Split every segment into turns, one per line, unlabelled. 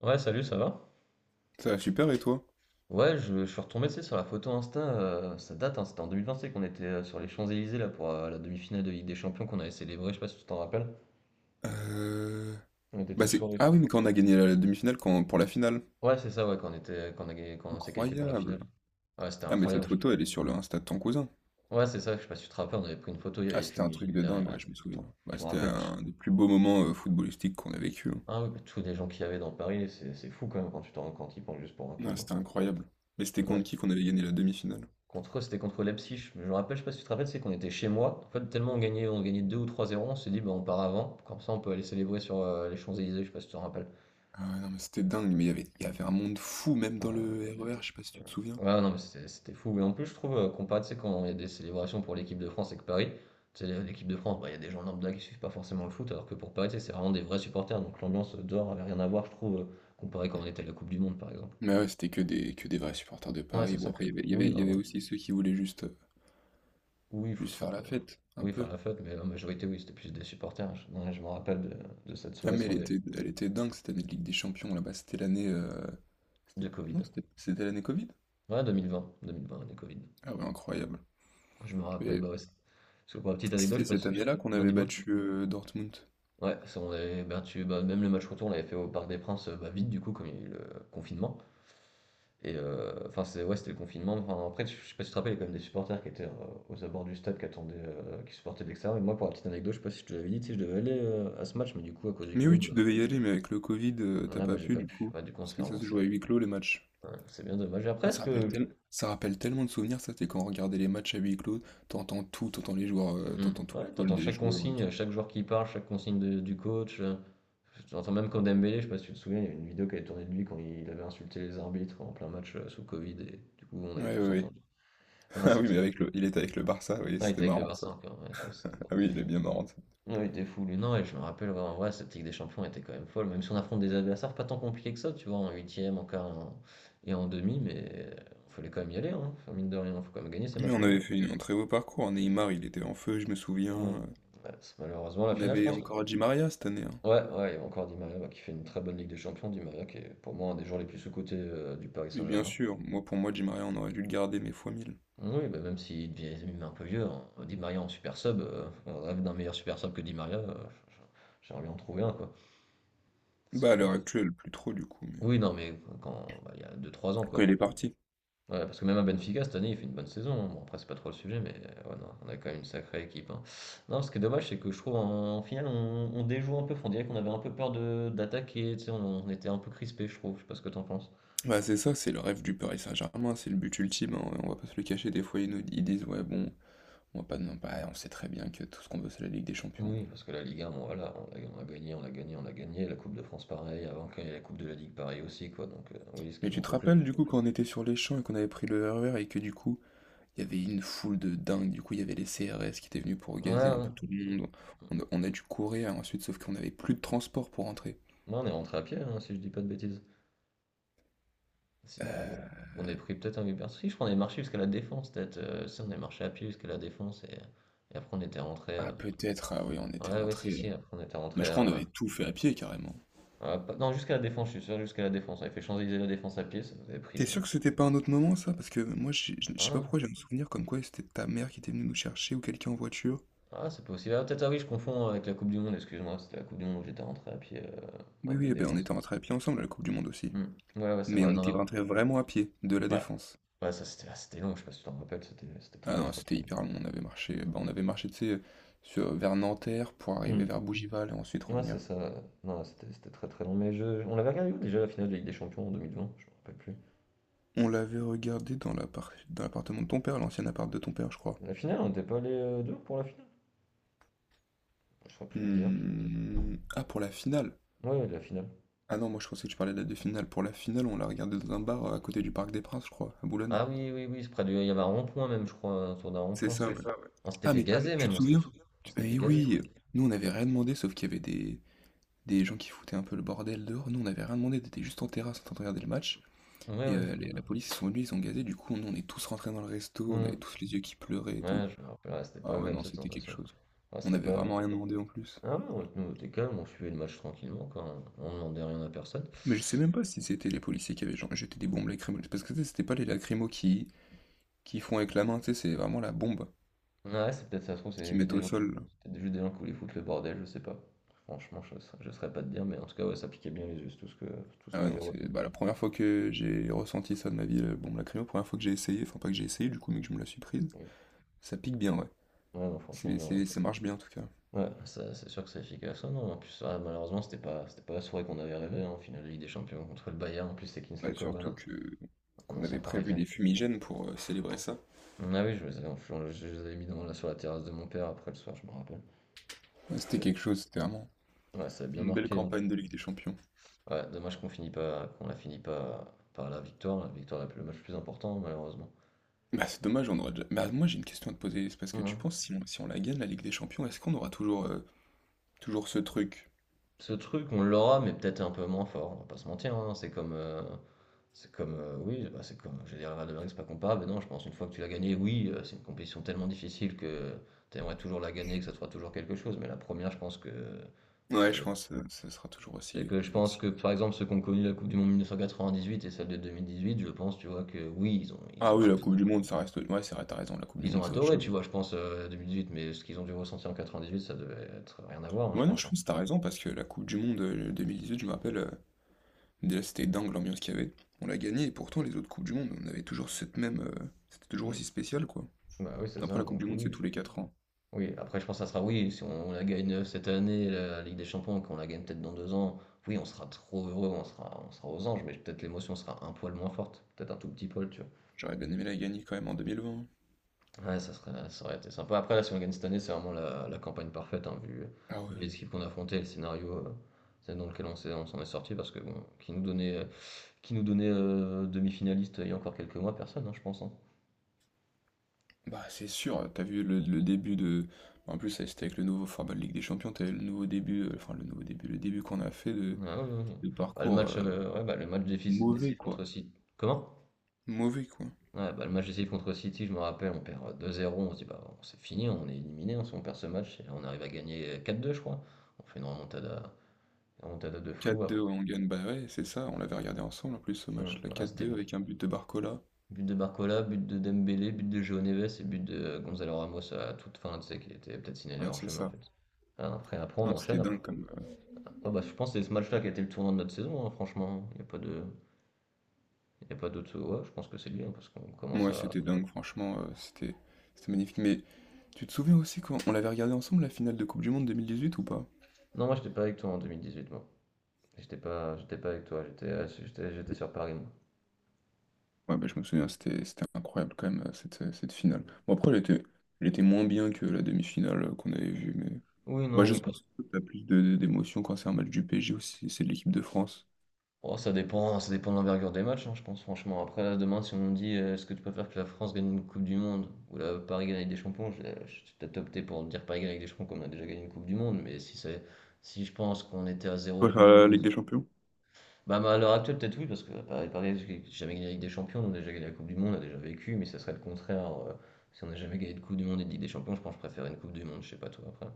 Ouais, salut, ça va?
Ça va super et toi?
Ouais, je suis retombé, tu sais, sur la photo Insta, ça date, hein, c'était en 2025 qu'on était sur les Champs-Élysées, là, pour la demi-finale de Ligue des Champions qu'on avait célébrée, je sais pas si tu t'en rappelles.
Euh...
On était tous sur les...
Ah oui, mais quand on a gagné la demi-finale pour la finale.
Ouais, c'est ça, ouais, quand on était, quand on s'est qualifié pour la
Incroyable.
finale. Ouais, c'était
Ah mais cette
incroyable.
photo, elle est sur le Insta de ton cousin.
Ouais, c'est ça, je sais pas si tu te rappelles, on avait pris une photo, il y
Ah
avait
c'était un truc
Fumigène
de
derrière.
dingue,
Ah,
ouais, je
mais
me souviens.
attends,
Bah,
je me
c'était
rappelle,
un des plus beaux moments footballistiques qu'on a vécu, hein.
ah, oui, tous les gens qu'il y avait dans Paris, c'est fou quand même quand tu t'en quand ils pensent juste pour un
Ah,
club. Hein.
c'était incroyable. Mais c'était contre qui qu'on avait gagné la demi-finale?
Contre c'était contre Leipzig. Je me rappelle, je sais pas si tu te rappelles, c'est qu'on était chez moi. En fait, tellement on gagnait 2 ou trois 0 on s'est dit, bah, on part avant. Comme ça, on peut aller célébrer sur les Champs-Élysées, je sais pas si tu te rappelles.
Ah ouais, non mais c'était dingue, mais il y avait un monde fou même
Ah,
dans le
on
RER,
était-
je sais pas si tu te souviens.
Ouais, non, mais c'était fou. Et en plus, je trouve, comparé, tu sais, quand il y a des célébrations pour l'équipe de France et que Paris, tu sais, l'équipe de France, bah, il y a des gens lambda qui suivent pas forcément le foot, alors que pour Paris, tu sais, c'est vraiment des vrais supporters. Donc l'ambiance dehors avait rien à voir, je trouve, comparé quand on était à la Coupe du Monde, par exemple.
Mais ouais, c'était que des vrais supporters de
Ouais,
Paris.
c'est
Bon
ça
après, il
que.
y avait... il y avait...
Oui,
il y
bah,
avait aussi ceux qui voulaient juste... euh,
oui,
juste
foutre un
faire la
peu.
fête, un
Oui, faire
peu.
la fête, mais la majorité, oui, c'était plus des supporters. Ouais, je me rappelle de cette
Ah
soirée,
mais
c'est
elle
on est
était, elle était dingue cette année de Ligue des Champions là-bas,
de Covid.
Non, c'était l'année Covid?
Ouais, 2020, 2020, année Covid.
Ah ouais, incroyable.
Je me rappelle,
Et
bah ouais. Parce que pour la petite anecdote,
C'était
je
cette
passe. Je...
année-là qu'on
Ouais,
avait
dis-moi.
battu Dortmund.
Ouais, ça, on avait battu, bah, même le match retour, on l'avait fait au Parc des Princes, bah, vite du coup, comme il y a eu le confinement. Et enfin, c'est, ouais, c'était le confinement. Enfin, après, je sais pas si tu te rappelles, il y a quand même des supporters qui étaient aux abords du stade, qui attendaient, qui supportaient de l'extérieur. Et moi, pour la petite anecdote, je sais pas si je te l'avais dit, tu sais, je devais aller à ce match, mais du coup, à cause du
Mais oui,
Covid,
tu devais y aller, mais avec le Covid, t'as
ah bah,
pas
j'ai
pu
pas
du
pu.
coup.
Ouais, du coup, on se
Parce
fait
que ça se
rembourser.
jouait à huis clos les matchs.
Ouais, c'est bien dommage.
Ah,
Après,
ça
est-ce
rappelle
que.
tellement de souvenirs, ça, c'est quand on regardait les matchs à huis clos, t'entends tout, t'entends les joueurs,
Hmm.
t'entends tous les
Ouais,
calls
t'entends
des
chaque
joueurs et tout.
consigne, chaque joueur qui parle, chaque consigne du coach. T'entends même quand Dembélé, je sais pas si tu te souviens, il y a une vidéo qui avait tourné de lui quand il avait insulté les arbitres en plein match sous Covid et du coup, on avait
Ouais,
tous
ouais, ouais.
entendu. Non,
Ah oui,
c'était.
il était avec le Barça, oui,
Non, il
c'était
était avec le
marrant ça.
Barça encore. Ouais, je sais pas, bon.
Ah oui, il est bien marrant.
Ouais, il était fou, lui. Non, et je me rappelle, ouais, en vrai, cette Ligue des Champions était quand même folle. Même si on affronte des adversaires pas tant compliqués que ça, tu vois, en huitième, et en demi, mais il fallait quand même y aller, hein. Enfin, mine de rien, faut quand même gagner ces
Mais on
matchs-là. Hein.
avait fait un très beau parcours. Neymar, il était en feu, je me souviens.
Mmh. Ouais, c'est malheureusement la
On
finale, je
avait
pense. Là.
encore Di Maria cette année, hein.
Ouais, ouais, il y a encore Di Maria bah, qui fait une très bonne Ligue des Champions. Di Maria qui est pour moi un des joueurs les plus sous-cotés du Paris
Mais bien
Saint-Germain.
sûr, moi pour moi, Di Maria, on aurait dû le garder, mais fois mille.
Oui, bah, même s'il devient un peu vieux, hein, Di Maria en super sub, on rêve d'un meilleur super sub que Di Maria. J'aimerais bien en trouver un, quoi. Parce
Bah à
que...
l'heure actuelle, plus trop du coup, mais
Oui, non, mais quand bah, il y a deux trois ans,
quand il
quoi.
est parti.
Ouais, parce que même à Benfica, cette année, il fait une bonne saison. Hein. Bon, après, c'est pas trop le sujet, mais ouais, non, on a quand même une sacrée équipe. Hein. Non, ce qui est dommage, c'est que je trouve en finale, on déjoue un peu. On dirait qu'on avait un peu peur de d'attaquer. Tu sais, on était un peu crispé, je trouve. Je sais pas ce que t'en penses.
Bah c'est ça, c'est le rêve du Paris Saint-Germain, c'est le but ultime, hein. On va pas se le cacher, des fois ils disent ouais bon, on va pas non bah, on sait très bien que tout ce qu'on veut c'est la Ligue des Champions.
Oui, parce que la Ligue 1, bon, voilà, on a gagné, on l'a gagné, on l'a gagné. La Coupe de France, pareil. Avant qu'il y ait la Coupe de la Ligue, pareil aussi, quoi. Donc, oui, ce
Mais
qui
tu
manque
te
au club.
rappelles du coup quand on était sur les champs et qu'on avait pris le RER et que du coup il y avait une foule de dingue, du coup il y avait les CRS qui étaient venus pour
Ouais,
gazer un
ouais.
peu tout le monde. On a dû courir ensuite, sauf qu'on n'avait plus de transport pour rentrer.
Non, on est rentré à pied, hein, si je dis pas de bêtises.
Euh,
On est pris peut-être un Uber. Si, je crois qu'on est marché jusqu'à la Défense, peut-être. Si, on est marché à pied jusqu'à la Défense et après on était rentré.
ah peut-être, ah oui, on était
Ouais, ouais, si, si,
rentré.
après on était
Mais
rentré.
je crois on avait tout fait à pied carrément.
On a pas- Non, jusqu'à la Défense, je suis sûr, jusqu'à la Défense. On avait fait Champs-Élysées la Défense à pied, ça nous avait pris.
T'es sûr que c'était pas un autre moment ça? Parce que moi je sais pas
Ah,
pourquoi j'ai un souvenir comme quoi c'était ta mère qui était venue nous chercher ou quelqu'un en voiture.
ah, c'est possible. Ah, peut-être, ah oui, je confonds avec la Coupe du Monde, excuse-moi. C'était la Coupe du Monde où j'étais rentré à pied,
Oui
moi,
oui,
de
eh ben on
Défense.
était rentré à pied ensemble à la Coupe du Monde aussi.
Hmm. Ouais, ouais, c'est
Mais on
vrai.
était
Non,
rentré vraiment à pied, de la
ouais,
Défense.
ouais, ça c'était ah, c'était long, je sais pas si tu t'en rappelles, c'était
Ah
très,
non,
très,
c'était
très long.
hyper long, on avait marché tu sais, vers Nanterre pour arriver
Hmm.
vers Bougival et ensuite
Ouais, c'est
revenir.
ça. Ouais. Non, c'était très très long. Mais je... on l'avait regardé où déjà la finale de la Ligue des Champions en 2020? Je me rappelle plus.
On l'avait regardé dans l'appartement de ton père, l'ancien appart de ton père, je crois.
La finale, on n'était pas allé deux pour la finale? Je saurais plus te dire.
Hmm, ah, pour la finale.
Ouais, ouais, la finale.
Ah non, moi je pensais que tu parlais de la de finale. Pour la finale, on l'a regardé dans un bar à côté du Parc des Princes, je crois, à Boulogne.
Ah oui, oui, oui, c'est près du... il y avait un rond-point même, je crois, autour d'un
C'est
rond-point.
ça, ouais.
Ça, ouais. On s'était
Ah,
fait ah
mais
mais gazer
tu
même,
te
on tu te s'était fait...
souviens?
souviens? On s'était fait
Eh
gazer.
oui, nous on n'avait rien demandé, sauf qu'il y avait des gens qui foutaient un peu le bordel dehors. Nous on n'avait rien demandé, on était juste en terrasse en train de regarder le match.
Ouais,
Et
ouais, je me
la
rappelle.
police, ils sont venus, ils ont gazé. Du coup, nous on est tous rentrés dans le resto, on
Hmm.
avait tous les yeux qui pleuraient et tout.
Ouais, je me rappelle, ouais, c'était pas
Ah ouais,
agréable
non,
cette
c'était quelque
sensation.
chose.
Ouais,
On
c'était
n'avait
pas.
vraiment rien demandé en plus.
Ah ouais, nous, on était calme, on suivait le match tranquillement, quoi. On demandait rien à personne.
Mais je sais même pas si c'était les policiers qui avaient genre jeté des bombes lacrymogènes. Parce que tu sais, c'était pas les lacrymos qui font avec la main, tu sais, c'est vraiment la bombe
Ouais, c'est peut-être ça se trouve, c'est
qu'ils
juste
mettent
des
au
gens qui...
sol.
C'était juste des gens qui voulaient foutre le bordel, je sais pas. Franchement, je saurais pas te dire, mais en tout cas, ouais, ça piquait bien les yeux, c'est tout ce
Ah ouais,
que j'ai
non, c'est
retenu.
bah, la première fois que j'ai ressenti ça de ma vie, la bombe lacrymo, la première fois que j'ai essayé, enfin pas que j'ai essayé du coup, mais que je me la suis prise.
Oui.
Ça pique bien, ouais.
Ouais, non, franchement, j'ai retenu.
Ça marche bien en tout cas.
Ouais, ça, c'est sûr que c'est efficace. Ah non, en plus, ah, malheureusement, c'était pas la soirée qu'on avait rêvé, hein, en finale de Ligue des Champions contre le Bayern. En plus, c'est
Ouais,
Kingsley Coman,
surtout
hein,
que
un
qu'on
ancien
avait prévu
Parisien.
des fumigènes pour célébrer ça.
Mm, ah oui, les avais je les avais mis dans, là, sur la terrasse de mon père après le soir, je me rappelle.
Ouais, c'était
C'est,
quelque chose, c'était vraiment
ouais, ça a bien
une belle
marqué en plus.
campagne de Ligue des Champions.
Ouais, dommage qu'on la finit pas par la victoire, est le match le plus important, malheureusement.
Bah c'est dommage, on aura déjà... Bah moi j'ai une question à te poser, c'est parce que tu
Mmh.
penses si on la gagne la Ligue des Champions, est-ce qu'on aura toujours, toujours ce truc.
Ce truc, on l'aura, mais peut-être un peu moins fort, on va pas se mentir, hein. C'est comme, oui, bah, c'est comme j'ai dire la Real de Madrid, c'est pas comparable, mais non, je pense une fois que tu l'as gagné, oui, c'est une compétition tellement difficile que tu aimerais toujours la gagner, que ça te fera toujours quelque chose, mais la première je pense que ça
Ouais, je
doit être
pense que ce sera toujours
c'est
aussi,
que je pense
aussi.
que, par exemple, ceux qui ont connu la coupe du monde 1998 et celle de 2018, je pense, tu vois, que oui,
Ah oui, la Coupe du Monde, ça reste. Ouais, c'est vrai, t'as raison, la Coupe du
ils ont
Monde, c'est autre
adoré,
chose.
tu vois, je pense, 2018, mais ce qu'ils ont dû ressentir en 98, ça devait être rien à voir, hein, je
Ouais, non,
pense,
je
hein.
pense que t'as raison, parce que la Coupe du Monde, 2018, je me rappelle, déjà c'était dingue l'ambiance qu'il y avait. On l'a gagnée, et pourtant, les autres Coupes du Monde, on avait toujours cette même. C'était toujours
Mmh.
aussi spécial, quoi.
Bah, oui, c'est
Après,
ça,
la Coupe
donc
du Monde, c'est
oui.
tous les 4 ans.
Oui, après je pense que ça sera oui, si on la gagne cette année, la Ligue des Champions, qu'on la gagne peut-être dans deux ans, oui, on sera trop heureux, on sera aux anges, mais peut-être l'émotion sera un poil moins forte, peut-être un tout petit poil, tu vois.
J'aurais bien aimé la gagner quand même en 2020.
Ouais, ça aurait été sympa. Après, là, si on gagne cette année, c'est vraiment la campagne parfaite, hein,
Ah ouais.
vu les équipes qu'on a affrontées, le scénario c'est dans lequel on s'en est sorti, parce que bon, qui nous donnait demi-finaliste il y a encore quelques mois, personne, hein, je pense. Hein.
Bah, c'est sûr, t'as vu le début de. En plus, ça, c'était avec le nouveau format de Ligue des Champions, t'as eu le nouveau début, le début qu'on a fait
Ah oui, oui, oui.
de
Bah, le
parcours.
match, ouais, bah, le match
Mauvais,
décisif
quoi.
contre City. Comment?
Mauvais, quoi.
Ouais, bah, le match de City contre City, je me rappelle, on perd, 2-0, on se dit: «Bah, on c'est fini, on est éliminé on si on perd ce match» et là, on arrive à gagner, 4-2, je crois. On fait une remontada de fou
4-2,
après.
ouais, on gagne. Bah ouais, c'est ça, on l'avait regardé ensemble en plus ce
Mmh,
match. La
ouais, c'était
4-2
bu
avec un but de Barcola.
but de Barcola, but de Dembélé, but de João Neves et but de, Gonzalo Ramos à toute fin, tu sais, qui était peut-être signalé
Ouais,
hors
c'est
chemin en
ça.
fait. Après on
Non,
enchaîne
c'était
après.
dingue comme.
Ah bah, je pense que c'est ce match-là qui a été le tournant de notre saison, hein, franchement, il y a pas de il y a pas d'autre, ouais, je pense que c'est lui, hein, parce qu'on commence à...
C'était dingue, franchement, c'était magnifique. Mais tu te souviens aussi quand on l'avait regardé ensemble la finale de Coupe du Monde 2018 ou pas?
Non, moi, j'étais pas avec toi en 2018, moi. J'étais pas avec toi, j'étais sur Paris, moi.
Ouais, bah je me souviens, c'était incroyable quand même, cette finale. Bon, après, elle était moins bien que la demi-finale qu'on avait vue, mais.
Oui,
Bah,
non,
je
oui,
sais pas
parce
si
que...
t'as plus d'émotion quand c'est un match du PSG ou si c'est de l'équipe de France.
Oh, ça dépend de l'envergure des matchs, hein, je pense, franchement. Après, là, demain, si on me dit est-ce que tu préfères que la France gagne une Coupe du Monde ou la Paris gagne avec des champions, je vais peut-être opter pour dire Paris gagne avec des champions comme on a déjà gagné une Coupe du Monde, mais si c'est... Si je pense qu'on était à zéro
Toi,
Coupe du
la
Monde,
Ligue des Champions?
bah, bah, à l'heure actuelle, peut-être oui, parce que Paris, Paris j'ai jamais gagné avec des champions, on a déjà gagné la Coupe du Monde, on a déjà vécu, mais ça serait le contraire. Si on n'a jamais gagné de Coupe du Monde et de Ligue des Champions, je pense que je préfère une Coupe du Monde, je sais pas toi après.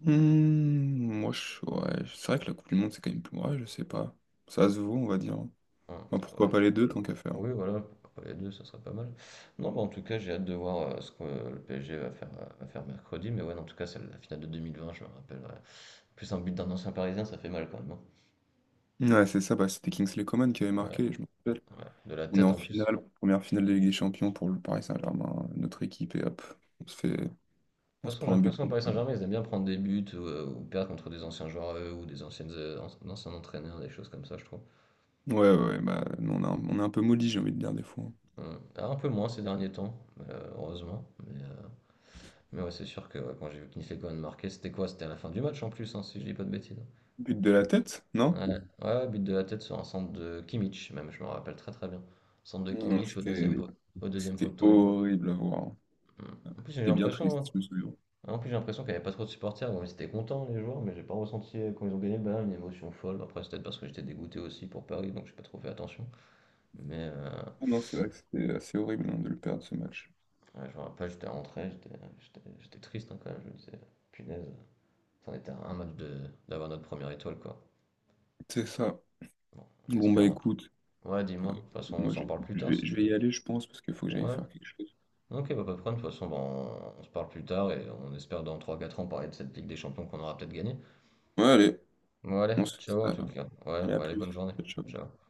Hmm, moi, je, ouais, c'est vrai que la Coupe du Monde, c'est quand même plus. Ouais, je sais pas. Ça se vaut, on va dire. Enfin,
Ouais.
pourquoi pas les deux, tant qu'à faire.
Oui, voilà, pourquoi pas les deux, ça serait pas mal. Non, bah, en tout cas, j'ai hâte de voir ce que le PSG va faire mercredi. Mais ouais, non, en tout cas, c'est la finale de 2020, je me rappelle. Ouais. En plus un but d'un ancien Parisien, ça fait mal quand même, hein.
Ouais, c'est ça, bah, c'était Kingsley Coman qui avait
Ouais.
marqué, je me rappelle.
Ouais, de la
On est
tête
en
en plus.
finale, première finale de Ligue des Champions pour le Paris Saint-Germain, notre équipe, et hop, on se
Ouais. De
fait, on
toute
se
façon, j'ai
prend un but
l'impression que
contre
Paris
eux.
Saint-Germain, ils aiment bien prendre des buts ou perdre contre des anciens joueurs à eux, ou des anciennes, anciens entraîneurs, des choses comme ça, je trouve.
Ouais, ouais, bah, nous, on a on est un peu maudits, j'ai envie de dire, des fois.
Hum. Ah, un peu moins ces derniers temps, heureusement. Mais ouais, c'est sûr que ouais, quand j'ai vu Kinfekoren marquer, c'était quoi? C'était à la fin du match en plus, hein, si je dis pas de bêtises, hein.
But de la tête, non?
Ouais, ouais, but de la tête sur un centre de Kimmich, même, je me rappelle très très bien. Centre de
Non,
Kimmich au deuxième,
c'était
au deuxième
c'était
poteau.
horrible à voir.
Hmm. En plus, j'ai
C'était bien
l'impression,
triste,
hein.
je me souviens.
En plus, j'ai l'impression qu'il n'y avait pas trop de supporters. Bon, ils étaient contents, les joueurs, mais j'ai pas ressenti, quand ils ont gagné le Bayern, une émotion folle. Après, c'est peut-être parce que j'étais dégoûté aussi pour Paris, donc j'ai pas trop fait attention. Mais
Ah non, c'est vrai que c'était assez horrible, hein, de le perdre, ce match.
ouais, je me rappelle, j'étais rentré, j'étais triste hein, quand même. Je me disais, punaise, on était à un match de d'avoir notre première étoile, quoi.
C'est ça.
Bon, en
Bon, bah
espérant.
écoute,
Ouais, dis-moi.
euh,
De toute façon, on
moi je,
s'en parle plus
je
tard
vais,
si
je
tu
vais y
veux.
aller, je pense, parce qu'il faut que j'aille
Ouais.
faire quelque chose.
OK, bah, pas de problème. De toute façon, bah, on se parle plus tard et on espère dans 3 4 ans parler de cette Ligue des Champions qu'on aura peut-être gagnée.
Ouais, allez,
Bon allez,
on se fait ça
ciao en tout
alors.
cas. Ouais,
Allez, à
bah, allez,
plus.
bonne journée.
Ciao, ciao.
Ciao.